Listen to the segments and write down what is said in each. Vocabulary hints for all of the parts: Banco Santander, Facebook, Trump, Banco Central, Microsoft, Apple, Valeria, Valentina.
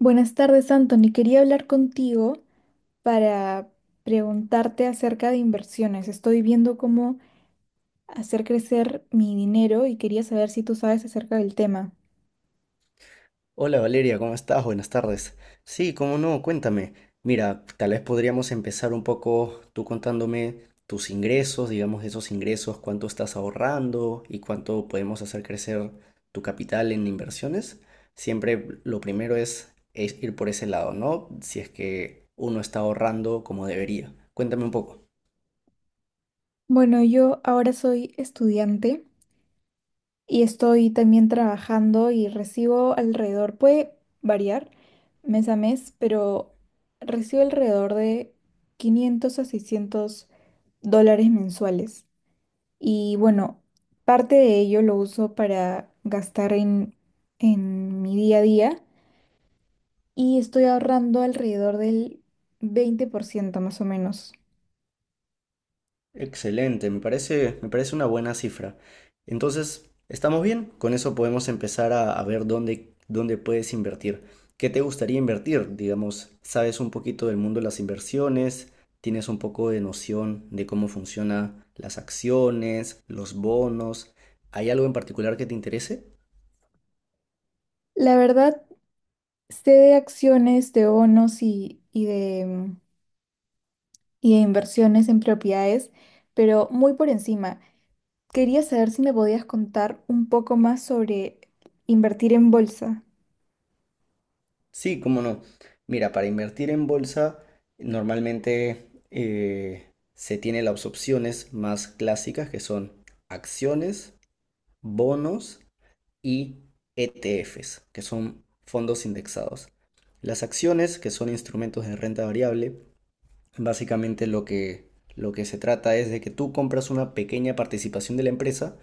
Buenas tardes, Anthony. Quería hablar contigo para preguntarte acerca de inversiones. Estoy viendo cómo hacer crecer mi dinero y quería saber si tú sabes acerca del tema. Hola Valeria, ¿cómo estás? Buenas tardes. Sí, cómo no, cuéntame. Mira, tal vez podríamos empezar un poco tú contándome tus ingresos, digamos esos ingresos, cuánto estás ahorrando y cuánto podemos hacer crecer tu capital en inversiones. Siempre lo primero es ir por ese lado, ¿no? Si es que uno está ahorrando como debería. Cuéntame un poco. Bueno, yo ahora soy estudiante y estoy también trabajando y recibo alrededor, puede variar mes a mes, pero recibo alrededor de $500 a $600 mensuales. Y bueno, parte de ello lo uso para gastar en mi día a día y estoy ahorrando alrededor del 20% más o menos. Excelente, me parece una buena cifra. Entonces, ¿estamos bien? Con eso podemos empezar a ver dónde puedes invertir. ¿Qué te gustaría invertir? Digamos, ¿sabes un poquito del mundo de las inversiones? ¿Tienes un poco de noción de cómo funcionan las acciones, los bonos? ¿Hay algo en particular que te interese? La verdad, sé de acciones, de bonos y de y de inversiones en propiedades, pero muy por encima. Quería saber si me podías contar un poco más sobre invertir en bolsa. Sí, cómo no. Mira, para invertir en bolsa, normalmente se tiene las opciones más clásicas que son acciones, bonos y ETFs, que son fondos indexados. Las acciones, que son instrumentos de renta variable, básicamente lo que se trata es de que tú compras una pequeña participación de la empresa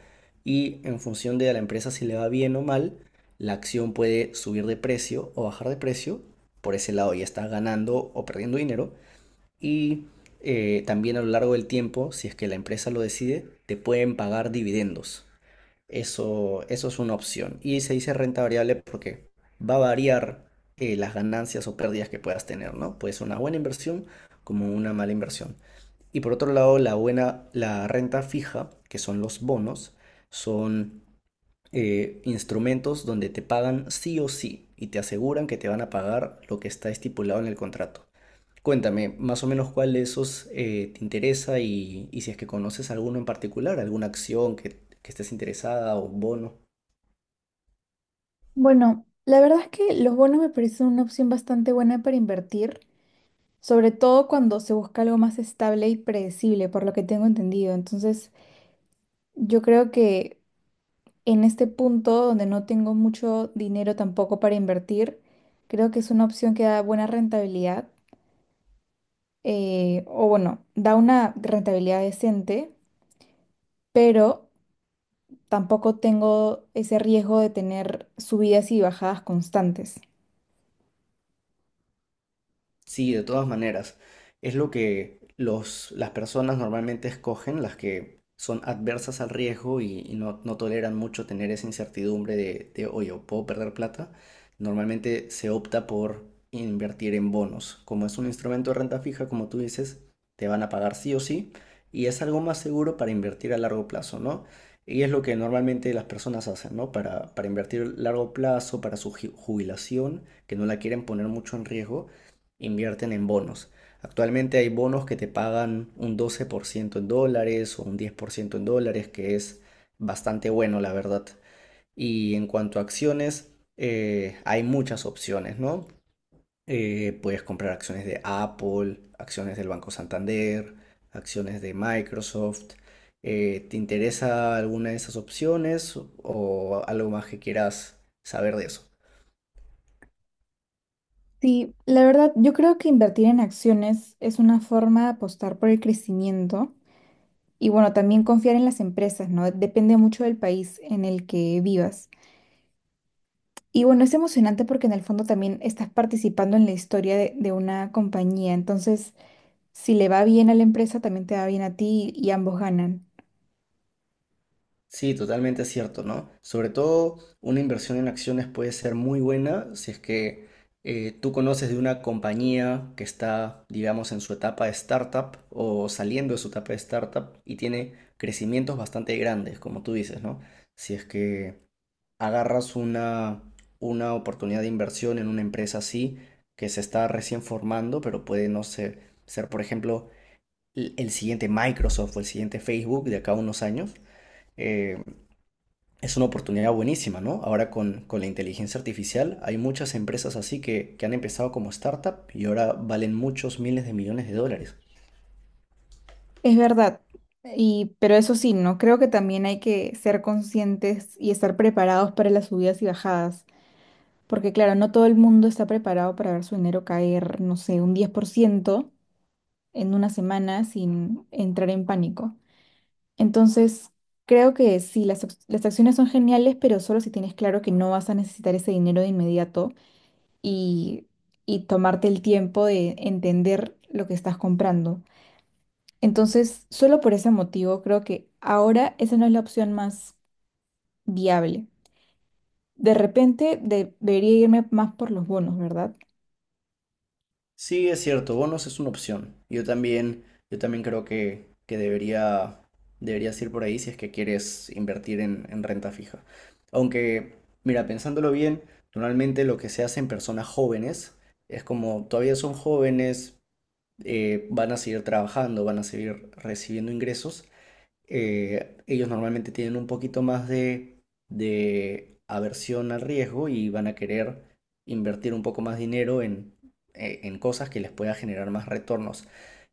y en función de a la empresa si le va bien o mal, la acción puede subir de precio o bajar de precio. Por ese lado ya estás ganando o perdiendo dinero. Y también a lo largo del tiempo, si es que la empresa lo decide, te pueden pagar dividendos. Eso es una opción. Y se dice renta variable porque va a variar las ganancias o pérdidas que puedas tener, ¿no? Puede ser una buena inversión como una mala inversión. Y por otro lado, la renta fija, que son los bonos, son instrumentos donde te pagan sí o sí y te aseguran que te van a pagar lo que está estipulado en el contrato. Cuéntame, más o menos cuál de esos te interesa y si es que conoces alguno en particular, alguna que estés interesada o bono. Bueno, la verdad es que los bonos me parecen una opción bastante buena para invertir, sobre todo cuando se busca algo más estable y predecible, por lo que tengo entendido. Entonces, yo creo que en este punto donde no tengo mucho dinero tampoco para invertir, creo que es una opción que da buena rentabilidad, o bueno, da una rentabilidad decente, pero tampoco tengo ese riesgo de tener subidas y bajadas constantes. Sí, de todas maneras. Es lo que las personas normalmente escogen, las que son adversas al riesgo y no toleran mucho tener esa incertidumbre oye, ¿puedo perder plata? Normalmente se opta por invertir en bonos. Como es un instrumento de renta fija, como tú dices, te van a pagar sí o sí y es algo más seguro para invertir a largo plazo, ¿no? Y es lo que normalmente las personas hacen, ¿no? Para invertir a largo plazo, para su jubilación, que no la quieren poner mucho en riesgo invierten en bonos. Actualmente hay bonos que te pagan un 12% en dólares o un 10% en dólares, que es bastante bueno, la verdad. Y en cuanto a acciones, hay muchas opciones, ¿no? Puedes comprar acciones de Apple, acciones del Banco Santander, acciones de Microsoft. ¿Te interesa alguna de esas opciones o algo más que quieras saber de eso? Sí, la verdad, yo creo que invertir en acciones es una forma de apostar por el crecimiento. Y bueno, también confiar en las empresas, ¿no? Depende mucho del país en el que vivas. Y bueno, es emocionante porque en el fondo también estás participando en la historia de una compañía. Entonces, si le va bien a la empresa, también te va bien a ti y ambos ganan. Sí, totalmente cierto, ¿no? Sobre todo una inversión en acciones puede ser muy buena si es que tú conoces de una compañía que está, digamos, en su etapa de startup o saliendo de su etapa de startup y tiene crecimientos bastante grandes, como tú dices, ¿no? Si es que agarras una oportunidad de inversión en una empresa así que se está recién formando, pero puede, no sé, ser, por ejemplo, el siguiente Microsoft o el siguiente Facebook de acá a unos años. eh, es una oportunidad buenísima, ¿no? Ahora con la inteligencia artificial hay muchas empresas así que han empezado como startup y ahora valen muchos miles de millones de dólares. Es verdad. Y, pero eso sí, ¿no? Creo que también hay que ser conscientes y estar preparados para las subidas y bajadas. Porque claro, no todo el mundo está preparado para ver su dinero caer, no sé, un 10% en una semana sin entrar en pánico. Entonces, creo que sí, las acciones son geniales, pero solo si tienes claro que no vas a necesitar ese dinero de inmediato y, y tomarte el tiempo de entender lo que estás comprando. Entonces, solo por ese motivo, creo que ahora esa no es la opción más viable. De repente, debería irme más por los bonos, ¿verdad? Sí, es cierto, bonos es una opción. Yo también creo que debería, deberías ir por ahí si es que quieres invertir en renta fija. Aunque, mira, pensándolo bien, normalmente lo que se hace en personas jóvenes es como todavía son jóvenes, van a seguir trabajando, van a seguir recibiendo ingresos ellos normalmente tienen un poquito más de aversión al riesgo y van a querer invertir un poco más dinero en cosas que les pueda generar más retornos.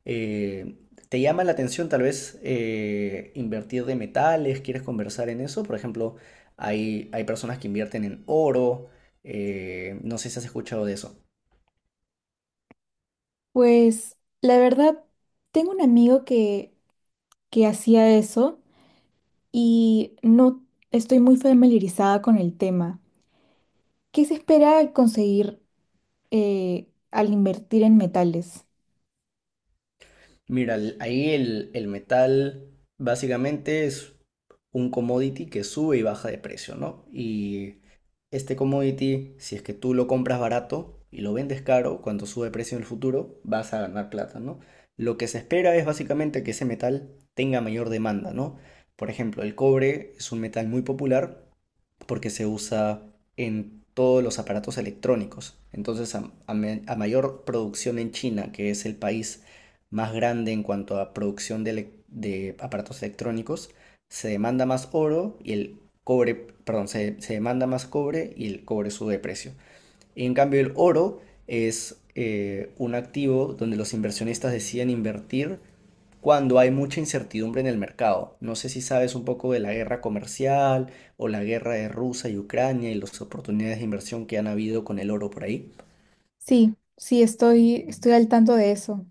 Eh, ¿Te llama la atención tal vez invertir de metales? ¿Quieres conversar en eso? Por ejemplo, hay personas que invierten en oro. No sé si has escuchado de eso. Pues, la verdad, tengo un amigo que hacía eso y no estoy muy familiarizada con el tema. ¿Qué se espera conseguir al invertir en metales? Mira, ahí el metal básicamente es un commodity que sube y baja de precio, ¿no? Y este commodity, si es que tú lo compras barato y lo vendes caro, cuando sube de precio en el futuro, vas a ganar plata, ¿no? Lo que se espera es básicamente que ese metal tenga mayor demanda, ¿no? Por ejemplo, el cobre es un metal muy popular porque se usa en todos los aparatos electrónicos. Entonces, a mayor producción en China, que es el país más grande en cuanto a producción de aparatos electrónicos, se demanda más oro y el cobre, perdón, se demanda más cobre y el cobre sube de precio. Y en cambio, el oro es un activo donde los inversionistas deciden invertir cuando hay mucha incertidumbre en el mercado. No sé si sabes un poco de la guerra comercial o la guerra de Rusia y Ucrania y las oportunidades de inversión que han habido con el oro por ahí. Sí, sí, estoy al tanto de eso.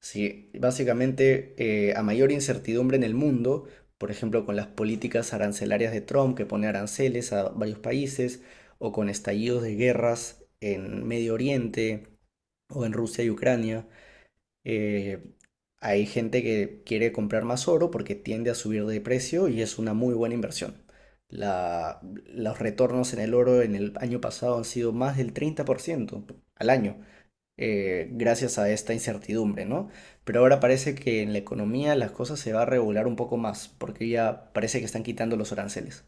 Sí, básicamente a mayor incertidumbre en el mundo, por ejemplo con las políticas arancelarias de Trump que pone aranceles a varios países o con estallidos de guerras en Medio Oriente o en Rusia y Ucrania, Eh, hay gente que quiere comprar más oro porque tiende a subir de precio y es una muy buena inversión. La- los retornos en el oro en el año pasado han sido más del 30% al año, gracias a esta incertidumbre, ¿no? Pero ahora parece que en la economía las cosas se va a regular un poco más porque ya parece que están quitando los aranceles.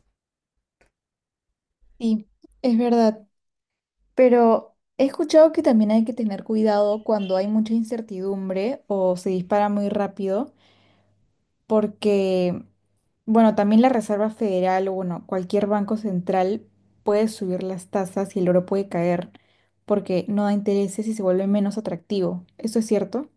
Sí, es verdad. Pero he escuchado que también hay que tener cuidado cuando hay mucha incertidumbre o se dispara muy rápido, porque, bueno, también la Reserva Federal o, bueno, cualquier banco central puede subir las tasas y el oro puede caer, porque no da intereses y se vuelve menos atractivo. ¿Eso es cierto?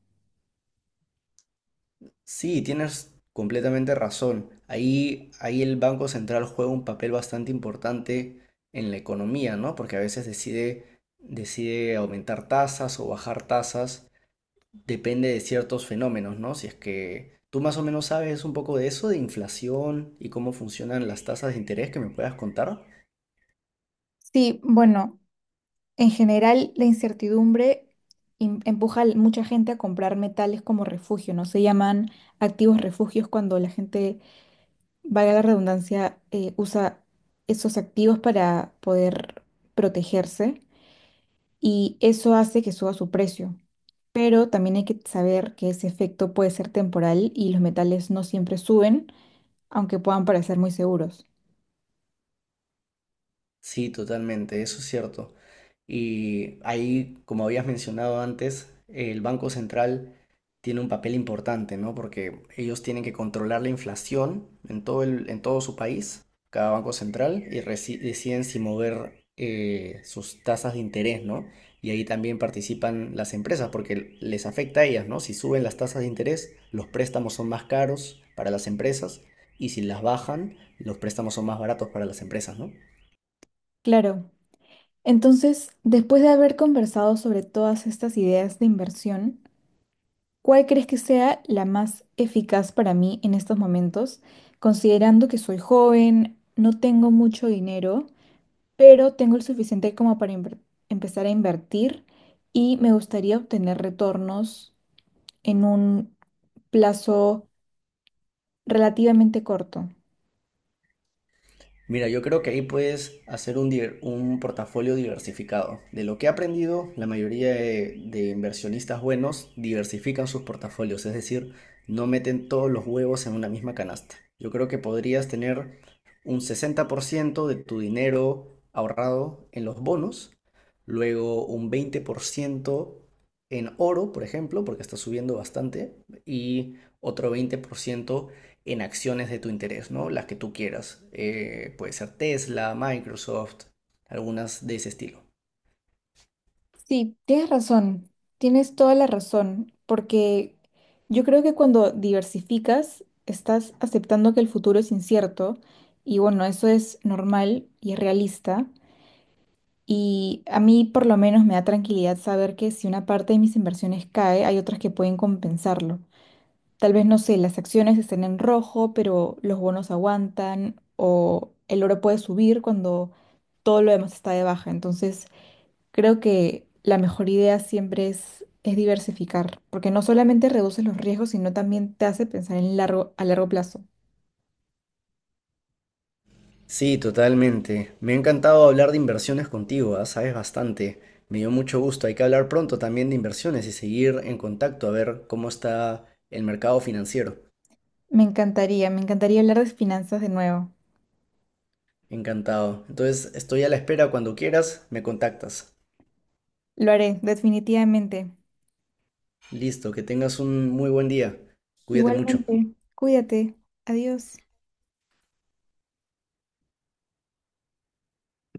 Sí, tienes completamente razón. Ahí el Banco Central juega un papel bastante importante en la economía, ¿no? Porque a veces decide aumentar tasas o bajar tasas, depende de ciertos fenómenos, ¿no? Si es que tú más o menos sabes un poco de eso, de inflación y cómo funcionan las tasas de interés que me puedas contar. Sí, bueno. En general, la incertidumbre empuja a mucha gente a comprar metales como refugio, ¿no? Se llaman activos refugios cuando la gente, valga la redundancia, usa esos activos para poder protegerse y eso hace que suba su precio. Pero también hay que saber que ese efecto puede ser temporal y los metales no siempre suben, aunque puedan parecer muy seguros. Sí, totalmente, eso es cierto. Y ahí, como habías mencionado antes, el Banco Central tiene un papel importante, ¿no? Porque ellos tienen que controlar la inflación en todo su país, cada banco central, y deciden si mover sus tasas de interés, ¿no? Y ahí también participan las empresas porque les afecta a ellas, ¿no? Si suben las tasas de interés, los préstamos son más caros para las empresas y si las bajan, los préstamos son más baratos para las empresas, ¿no? Claro. Entonces, después de haber conversado sobre todas estas ideas de inversión, ¿cuál crees que sea la más eficaz para mí en estos momentos, considerando que soy joven, no tengo mucho dinero, pero tengo el suficiente como para empezar a invertir y me gustaría obtener retornos en un plazo relativamente corto? Mira, yo creo que ahí puedes hacer un portafolio diversificado. De lo que he aprendido, la mayoría de inversionistas buenos diversifican sus portafolios, es decir, no meten todos los huevos en una misma canasta. Yo creo que podrías tener un 60% de tu dinero ahorrado en los bonos, luego un 20% en oro, por ejemplo, porque está subiendo bastante, y otro 20% en acciones de tu interés, ¿no? Las que tú quieras. Puede ser Tesla, Microsoft, algunas de ese estilo. Sí, tienes razón, tienes toda la razón, porque yo creo que cuando diversificas, estás aceptando que el futuro es incierto y bueno, eso es normal y es realista. Y a mí por lo menos me da tranquilidad saber que si una parte de mis inversiones cae, hay otras que pueden compensarlo. Tal vez, no sé, las acciones estén en rojo, pero los bonos aguantan o el oro puede subir cuando todo lo demás está de baja. Entonces, creo que la mejor idea siempre es diversificar, porque no solamente reduces los riesgos, sino también te hace pensar en largo, a largo plazo. Sí, totalmente. Me ha encantado hablar de inversiones contigo, ¿ah? Sabes bastante. Me dio mucho gusto. Hay que hablar pronto también de inversiones y seguir en contacto a ver cómo está el mercado financiero. Me encantaría hablar de finanzas de nuevo. Encantado. Entonces, estoy a la espera. Cuando quieras, me contactas. Lo haré, definitivamente. Listo, que tengas un muy buen día. Cuídate mucho. Igualmente, cuídate. Adiós.